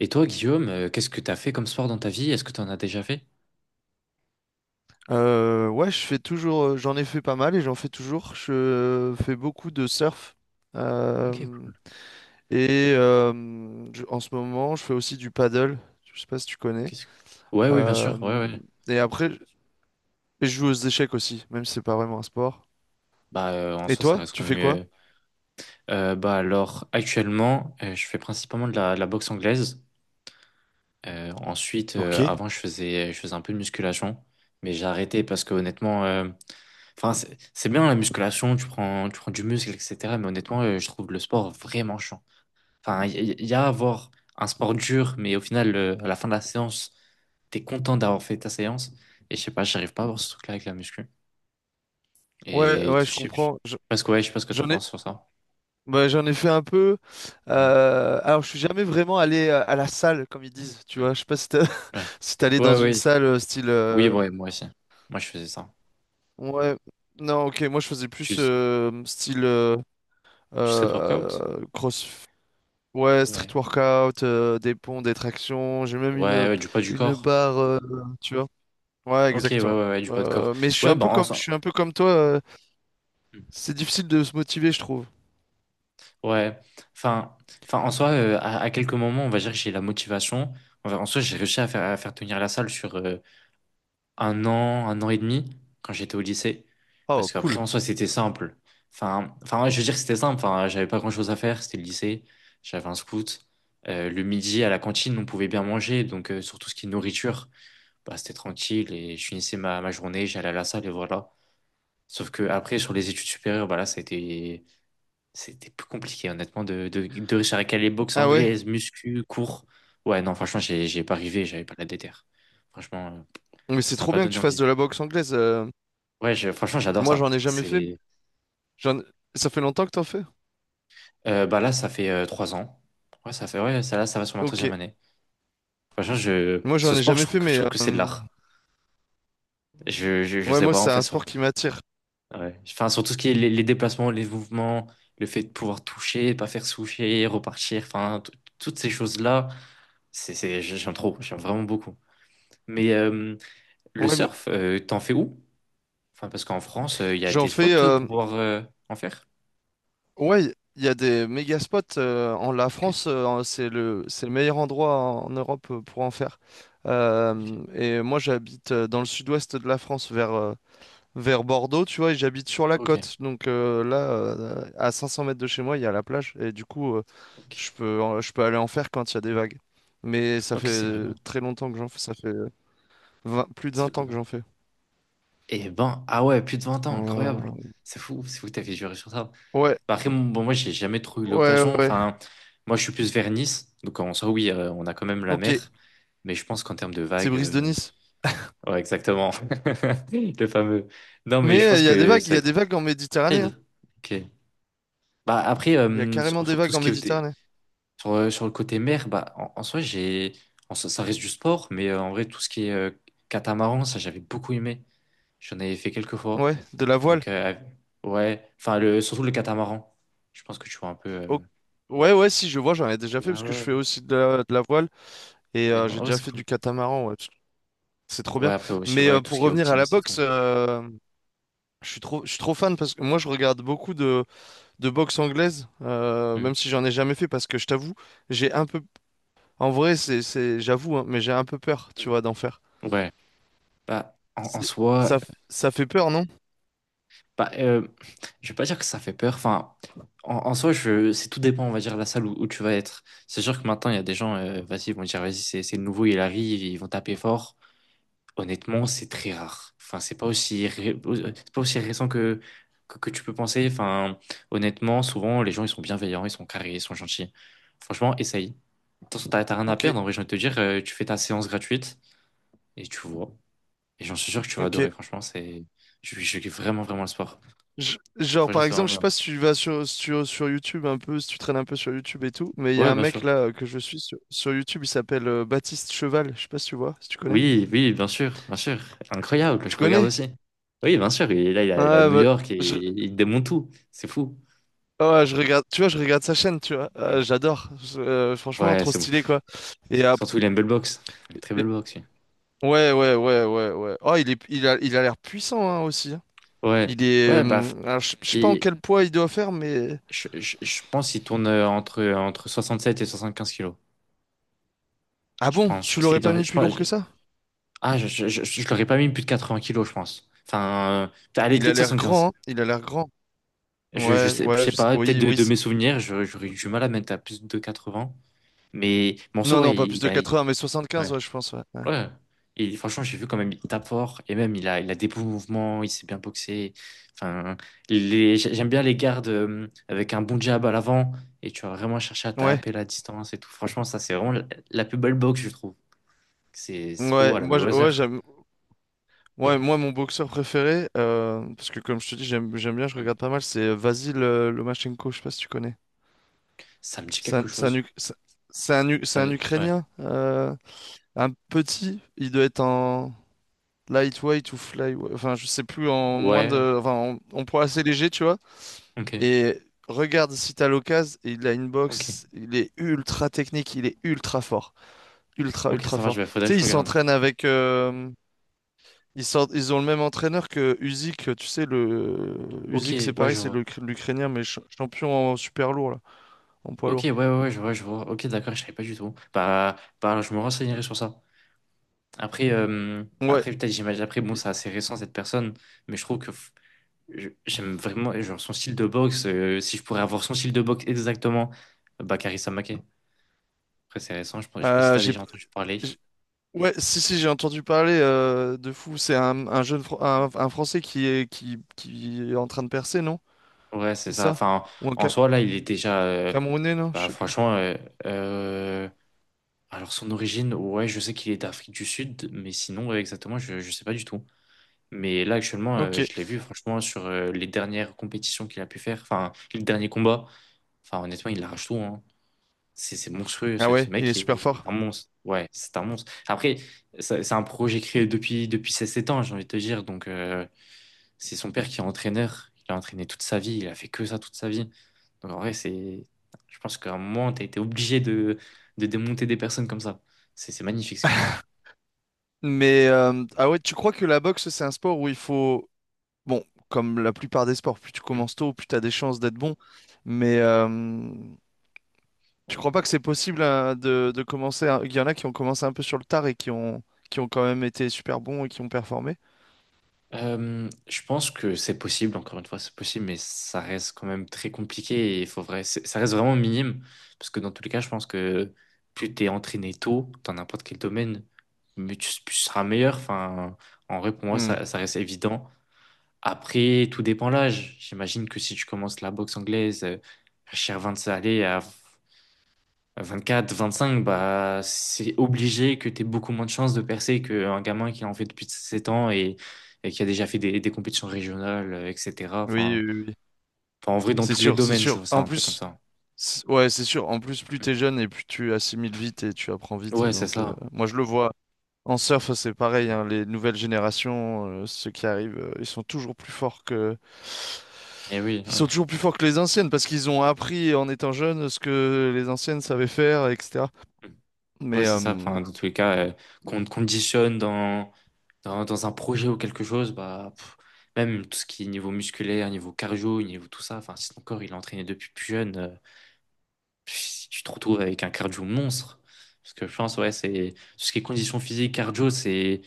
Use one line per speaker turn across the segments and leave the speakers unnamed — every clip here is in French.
Et toi, Guillaume, qu'est-ce que t'as fait comme sport dans ta vie? Est-ce que t'en as déjà fait?
Ouais, je fais toujours, j'en ai fait pas mal et j'en fais toujours. Je fais beaucoup de surf. Euh,
Ok, cool.
et euh, En ce moment, je fais aussi du paddle. Je sais pas si tu
Ok,
connais.
c'est- Ouais, oui, bien sûr. Ouais,
Euh,
ouais.
et après, et je joue aux échecs aussi, même si c'est pas vraiment un sport.
Bah, en
Et
soi, ça
toi,
reste quand
tu
même.
fais quoi?
Bah, alors, actuellement, je fais principalement de la boxe anglaise. Ensuite,
Ok.
avant, je faisais un peu de musculation, mais j'ai arrêté parce que honnêtement, enfin, c'est bien la musculation, tu prends du muscle, etc. Mais honnêtement, je trouve le sport vraiment chiant. Enfin, y a à avoir un sport dur, mais au final, à la fin de la séance, t'es content d'avoir fait ta séance. Et je sais pas, j'arrive pas à avoir ce truc-là avec la muscu.
Ouais,
Et
ouais, je comprends.
je sais pas ce que t'en
J'en ai,
penses sur ça.
j'en ai fait un peu.
Ouais.
Alors, je suis jamais vraiment allé à la salle, comme ils disent. Tu
Mm.
vois, je sais pas si
Ouais.
si t'es allé
Ouais,
dans une
ouais.
salle style.
Oui, ouais, moi aussi. Moi, je faisais ça.
Ouais. Non, ok, moi je faisais
Tu,
plus style
tu serais de workout?
cross, ouais, street
Ouais.
workout, des ponts, des tractions. J'ai même
Ouais, ouais, du poids du
une
corps.
barre, tu vois. Ouais,
Ok, ouais,
exactement.
ouais, ouais, du poids de corps.
Mais
Ouais, ben. En,
je
soi-
suis un peu comme toi.
mmh.
C'est difficile de se motiver, je trouve.
Ouais. Enfin, enfin, en soi, à quelques moments, on va dire que j'ai la motivation. En soi, j'ai réussi à faire tenir la salle sur un an et demi quand j'étais au lycée.
Oh,
Parce qu'après,
cool.
en soi, c'était simple. Enfin, ouais, je veux dire que c'était simple. Enfin, j'avais pas grand-chose à faire. C'était le lycée. J'avais un scout. Le midi, à la cantine, on pouvait bien manger. Donc, surtout ce qui est nourriture, bah, c'était tranquille. Et je finissais ma journée, j'allais à la salle et voilà. Sauf que après, sur les études supérieures, bah là, c'était plus compliqué, honnêtement, de récupérer les boxe
Ah ouais?
anglaise, muscu, cours. Ouais, non, franchement, j'ai pas arrivé. J'avais pas la déter. Franchement,
Mais c'est
ça m'a
trop
pas
bien que
donné
tu fasses
envie.
de la boxe anglaise.
Ouais, franchement, j'adore
Moi, j'en
ça.
ai jamais fait. J'en- Ça fait longtemps que t'en fais?
Bah là, ça fait 3 ans. Ouais, ça fait, ouais, ça là, ça va sur ma
Ok.
troisième année. Franchement,
Moi,
ce
j'en ai
sport, je
jamais
trouve
fait,
que, je
mais
trouve que c'est de l'art. Je
ouais,
sais
moi,
pas, en
c'est
fait,
un sport
sur,
qui m'attire.
ouais. Enfin, sur tout ce qui est les déplacements, les mouvements, le fait de pouvoir toucher, pas faire toucher, repartir, enfin, toutes ces choses-là, j'aime trop, j'aime vraiment beaucoup. Mais le
Ouais,
surf, t'en fais où? Enfin, parce qu'en France, il y a
j'en
des spots
fais.
pour pouvoir en faire.
Ouais, il y a des méga spots en la
Ok,
France, c'est le meilleur endroit en Europe pour en faire.
ok,
Et moi j'habite dans le sud-ouest de la France vers vers Bordeaux, tu vois, et j'habite sur la
ok,
côte. Donc là à 500 mètres de chez moi, il y a la plage et du coup
ok,
je peux aller en faire quand il y a des vagues. Mais ça
ok,
fait
c'est grave.
très longtemps que j'en fais, ça fait 20, plus de
Ça fait
20 ans que
combien?
j'en fais.
Et ben, ah ouais, plus de 20 ans, incroyable.
Euh,
C'est fou que t'avais juré sur ça.
Ouais,
Bah après, bon, bon, moi, j'ai jamais trop eu
ouais, ouais,
l'occasion.
ouais.
Enfin, moi, je suis plus vers Nice. Donc, en soi, oui, on a quand même la
OK,
mer. Mais je pense qu'en termes de
c'est
vagues.
Brise de Nice.
Ouais, exactement. Le fameux. Non, mais
Mais
je pense
il y a des
que
vagues, il
ça
y
va
a
être
des vagues en Méditerranée, hein.
compliqué. Ok. Bah, après,
Il y a carrément
sur,
des
sur tout
vagues
ce
en
qui est.
Méditerranée.
Sur le côté mer, bah, en soi, j'ai. En soi, ça reste du sport, mais en vrai, tout ce qui est catamaran, ça, j'avais beaucoup aimé. J'en avais fait quelques fois.
Ouais, de la voile.
Donc, ouais. Enfin, surtout le catamaran. Je pense que tu vois un peu.
Oh. Ouais, ouais, si, je vois, j'en ai déjà fait
Ouais,
parce que
ouais,
je fais
ouais.
aussi de de la voile et
Maintenant,
j'ai
ah ouais,
déjà
c'est
fait
cool.
du catamaran. Ouais, parce que c'est trop
Ouais,
bien.
après aussi,
Mais
ouais, tout ce
pour
qui est
revenir à la
optimiste et
boxe,
tout.
je suis trop fan parce que moi, je regarde beaucoup de boxe anglaise,
Mm.
même si j'en ai jamais fait parce que je t'avoue, j'ai un peu. En vrai, j'avoue, hein, mais j'ai un peu peur, tu
Mm.
vois, d'en faire.
Ouais. Bah, en
C'est-
soi,
Ça, Ça fait peur, non?
bah, je vais pas dire que ça fait peur. Enfin, en soi, c'est tout dépend, on va dire, de la salle où tu vas être. C'est sûr que maintenant, il y a des gens, vas-y, ils vont dire, vas-y, c'est le nouveau, il arrive, ils vont taper fort. Honnêtement, c'est très rare. Enfin, c'est pas aussi récent que, que tu peux penser. Enfin, honnêtement, souvent les gens ils sont bienveillants, ils sont carrés, ils sont gentils. Franchement, essaye. De toute façon, t'as rien à
Ok,
perdre. En vrai, j'ai envie de te dire, tu fais ta séance gratuite et tu vois. Et j'en suis sûr que tu vas
ok.
adorer. Franchement, je kiffe vraiment vraiment le sport.
Genre,
Franchement,
par
c'est vraiment
exemple, je sais
bien.
pas si tu vas sur YouTube un peu, si tu traînes un peu sur YouTube et tout, mais il y a
Ouais,
un
bien
mec
sûr.
là que je suis sur YouTube, il s'appelle Baptiste Cheval. Je sais pas si tu vois, si tu connais.
Oui, oui, bien sûr, bien sûr. Incroyable,
Tu
je regarde
connais?
aussi. Oui, bien sûr. Et là, il a
Ah,
New
bah,
York et
je,
il démonte tout. C'est fou.
ouais, je regarde, tu vois, je regarde sa chaîne, tu vois.
Mm.
J'adore. Franchement,
Ouais,
trop
c'est
stylé, quoi. Et, ap-
surtout, il a une belle boxe. Une très belle
et-
boxe, oui.
ouais, ouais, ouais, ouais, ouais. Oh, il a l'air puissant, hein, aussi. Hein.
Ouais, ouais, bah,
Alors, je sais pas en
et
quel poids il doit faire, mais.
je pense qu'il tourne entre 67 et 75 kilos.
Ah
Je
bon,
pense, je
tu
pense qu'il est.
l'aurais pas mis plus lourd que ça?
Je l'aurais pas mis plus de 80 kilos, je pense. Enfin, allez,
Il a
peut-être
l'air grand,
75.
hein. Il a l'air grand.
Je, je
Ouais,
sais, je
ouais,
sais pas, peut-être
oui,
de,
oui.
de mes souvenirs, j'aurais eu du mal à mettre à plus de 80. Mais, bon, ça,
Non, non,
ouais,
pas plus
il
de
a,
80, mais 75,
ouais.
ouais, je pense, ouais.
Ouais. Et franchement, j'ai vu quand même, il tape fort. Et même, il a des beaux mouvements, il sait bien boxer. Enfin, j'aime bien les gardes avec un bon jab à l'avant. Et tu vas vraiment chercher à
Ouais,
taper la distance et tout. Franchement, ça, c'est vraiment la plus belle boxe, je trouve. C'est
ouais,
trop
ouais,
à la
ouais,
Mayweather.
j'aime. Ouais, moi, mon boxeur préféré, parce que comme je te dis, j'aime bien, je
Hmm.
regarde pas mal, c'est Vasyl Lomachenko, je sais pas si tu connais.
Ça me dit
C'est un,
quelque
c'est un,
chose.
Uk- c'est
Ça,
c'est un
ouais.
Ukrainien, un petit, il doit être en lightweight ou flyweight, enfin, je sais plus, en moins
Ouais.
de, enfin, en poids assez léger, tu vois.
Ok.
Et regarde si t'as l'occasion, il a une
Ok.
boxe, il est ultra technique, il est ultra fort. Ultra,
Ok,
ultra
ça va,
fort.
je vais, faudrait
Tu
que
sais,
je
ils
regarde.
s'entraînent avec. Ils ont le même entraîneur que Usyk. Tu sais, le.
Ok,
Usyk, c'est
ouais,
pareil,
je vois.
l'Ukrainien, mais champion en super lourd, là, en poids
Ok,
lourd.
ouais, ouais, ouais, je vois, je vois. Ok, d'accord, je savais pas du tout. Bah, bah, je me renseignerai sur ça. Après,
Ouais.
après peut-être j'imagine, après, bon, c'est assez récent cette personne, mais je trouve que j'aime vraiment genre, son style de boxe. Si je pourrais avoir son style de boxe exactement, bah, Karissa Maké. Après, c'est récent, je ne sais pas si
Euh,
t'as
j'ai,
déjà entendu parler.
j'ai- ouais, si, si, j'ai entendu parler de fou. Un jeune, un Français qui est en train de percer, non?
Ouais, c'est
C'est
ça.
ça?
Enfin,
Ou un
en soi, là, il est déjà.
Camerounais, non? Je
Bah,
sais plus.
franchement, euh, alors son origine, ouais, je sais qu'il est d'Afrique du Sud, mais sinon, ouais, exactement, je ne sais pas du tout. Mais là, actuellement,
Ok.
je l'ai vu, franchement, sur les dernières compétitions qu'il a pu faire, enfin, les derniers combats. Enfin, honnêtement, il arrache tout. Hein. C'est monstrueux,
Ah
ce
ouais, il
mec
est
est,
super fort.
est un monstre. Ouais, c'est un monstre. Après, c'est un projet créé depuis ses 7 ans, j'ai envie de te dire. Donc, c'est son père qui est entraîneur. Il a entraîné toute sa vie, il a fait que ça toute sa vie. Donc, en vrai, je pense qu'à un moment, tu as été obligé de démonter des personnes comme ça. C'est magnifique ce qu'il fait.
Mais ah ouais, tu crois que la boxe, c'est un sport où il faut. Bon, comme la plupart des sports, plus tu commences tôt, plus tu as des chances d'être bon. Mais tu crois
Mm.
pas que c'est possible de commencer. Il y en a qui ont commencé un peu sur le tard qui ont quand même été super bons et qui ont performé.
Je pense que c'est possible, encore une fois, c'est possible, mais ça reste quand même très compliqué et il faut vrai, ça reste vraiment minime. Parce que dans tous les cas, je pense que plus t'es entraîné tôt dans n'importe quel domaine, mais tu seras meilleur. Enfin, en vrai, pour moi,
Hmm.
ça reste évident. Après, tout dépend de l'âge. J'imagine que si tu commences la boxe anglaise, à cher 20, allez, à 24, 25, bah, c'est obligé que tu aies beaucoup moins de chances de percer qu'un gamin qui en fait depuis 7 ans et qui a déjà fait des compétitions régionales, etc.
Oui,
Enfin,
oui, oui.
enfin, en vrai, dans
C'est
tous les
sûr, c'est
domaines, je
sûr.
vois ça
En
un peu comme
plus,
ça.
ouais, c'est sûr. En plus, plus t'es jeune et plus tu assimiles vite et tu apprends vite.
Ouais, c'est
Donc,
ça.
moi, je le vois. En surf, c'est pareil,
Mm.
hein, les nouvelles générations, ceux qui arrivent, ils sont toujours plus forts que…
Et oui,
Ils
ouais.
sont toujours plus forts que les anciennes parce qu'ils ont appris en étant jeunes ce que les anciennes savaient faire, etc.
Mm. Ouais,
Mais
c'est ça. Enfin, dans tous les cas, qu'on te conditionne dans un projet ou quelque chose, bah, pff, même tout ce qui est niveau musculaire, niveau cardio, niveau tout ça, enfin, si ton corps il est entraîné depuis plus jeune. Si tu te retrouves avec un cardio monstre. Parce que je pense, ouais, c'est tout ce qui est condition physique, cardio, c'est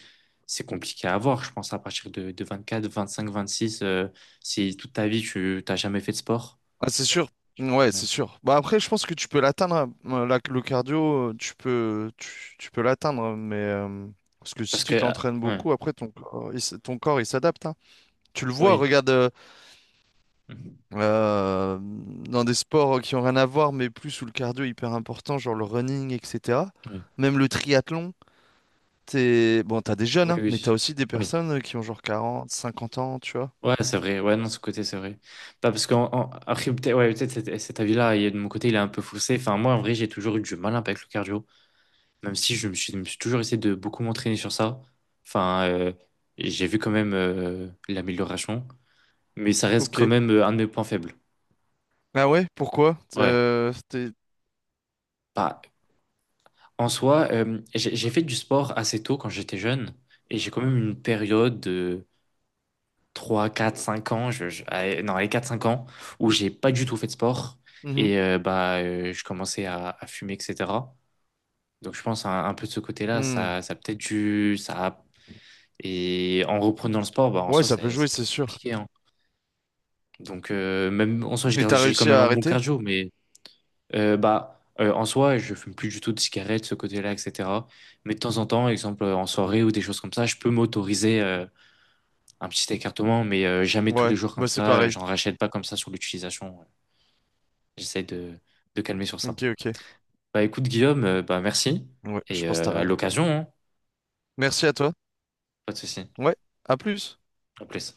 c'est compliqué à avoir. Je pense à partir de 24, 25, 26, si toute ta vie tu t'as jamais fait de sport.
ah, c'est sûr, ouais, c'est sûr. Bah après, je pense que tu peux l'atteindre, hein. Le cardio, tu peux l'atteindre, mais parce que si
Parce que,
tu
ah,
t'entraînes
ouais,
beaucoup, après ton corps, il s'adapte, hein. Tu le vois,
oui,
regarde.
mhm,
Dans des sports qui ont rien à voir, mais plus où le cardio est hyper important, genre le running, etc.
oui,
Même le triathlon, t'es… Bon, t'as des jeunes,
oui,
hein, mais
oui,
t'as aussi des
oui.
personnes qui ont genre 40, 50 ans, tu vois.
Ouais, c'est vrai. Ouais, non, ce côté, c'est vrai. Bah, parce que, après, peut-être, ouais, peut-être cet avis-là, de mon côté, il est un peu faussé. Enfin, moi, en vrai, j'ai toujours eu du mal avec le cardio. Même si je me suis toujours essayé de beaucoup m'entraîner sur ça. Enfin, j'ai vu quand même l'amélioration, mais ça reste
Ok.
quand même un de mes points faibles.
Ah ouais, pourquoi?
Ouais. Bah, en soi, j'ai fait du sport assez tôt quand j'étais jeune, et j'ai quand même une période de 3, 4, 5 ans, allez, non, les 4-5 ans, où j'ai pas du tout fait de sport,
Mhm.
et je commençais à fumer, etc. Donc je pense un peu de ce côté-là,
Hmm.
ça a peut-être dû. Ça a Et en reprenant le sport, bah, en
Ouais,
soi, ça,
ça peut
ça
jouer,
a
c'est
été
sûr.
compliqué. Hein. Donc, même en soi,
Et t'as
j'ai quand
réussi
même
à
un bon
arrêter?
cardio, mais en soi, je fume plus du tout de cigarettes, ce côté-là, etc. Mais de temps en temps, exemple en soirée ou des choses comme ça, je peux m'autoriser un petit écartement, mais jamais tous les
Ouais,
jours comme
bah c'est
ça.
pareil.
J'en rachète pas comme ça sur l'utilisation, ouais. J'essaie de calmer sur ça.
Ok, ok.
Bah, écoute, Guillaume, bah, merci.
Ouais, je
Et
pense que t'as
à
raison.
l'occasion, hein,
Merci à toi.
pas de souci.
Ouais, à plus.
À plus.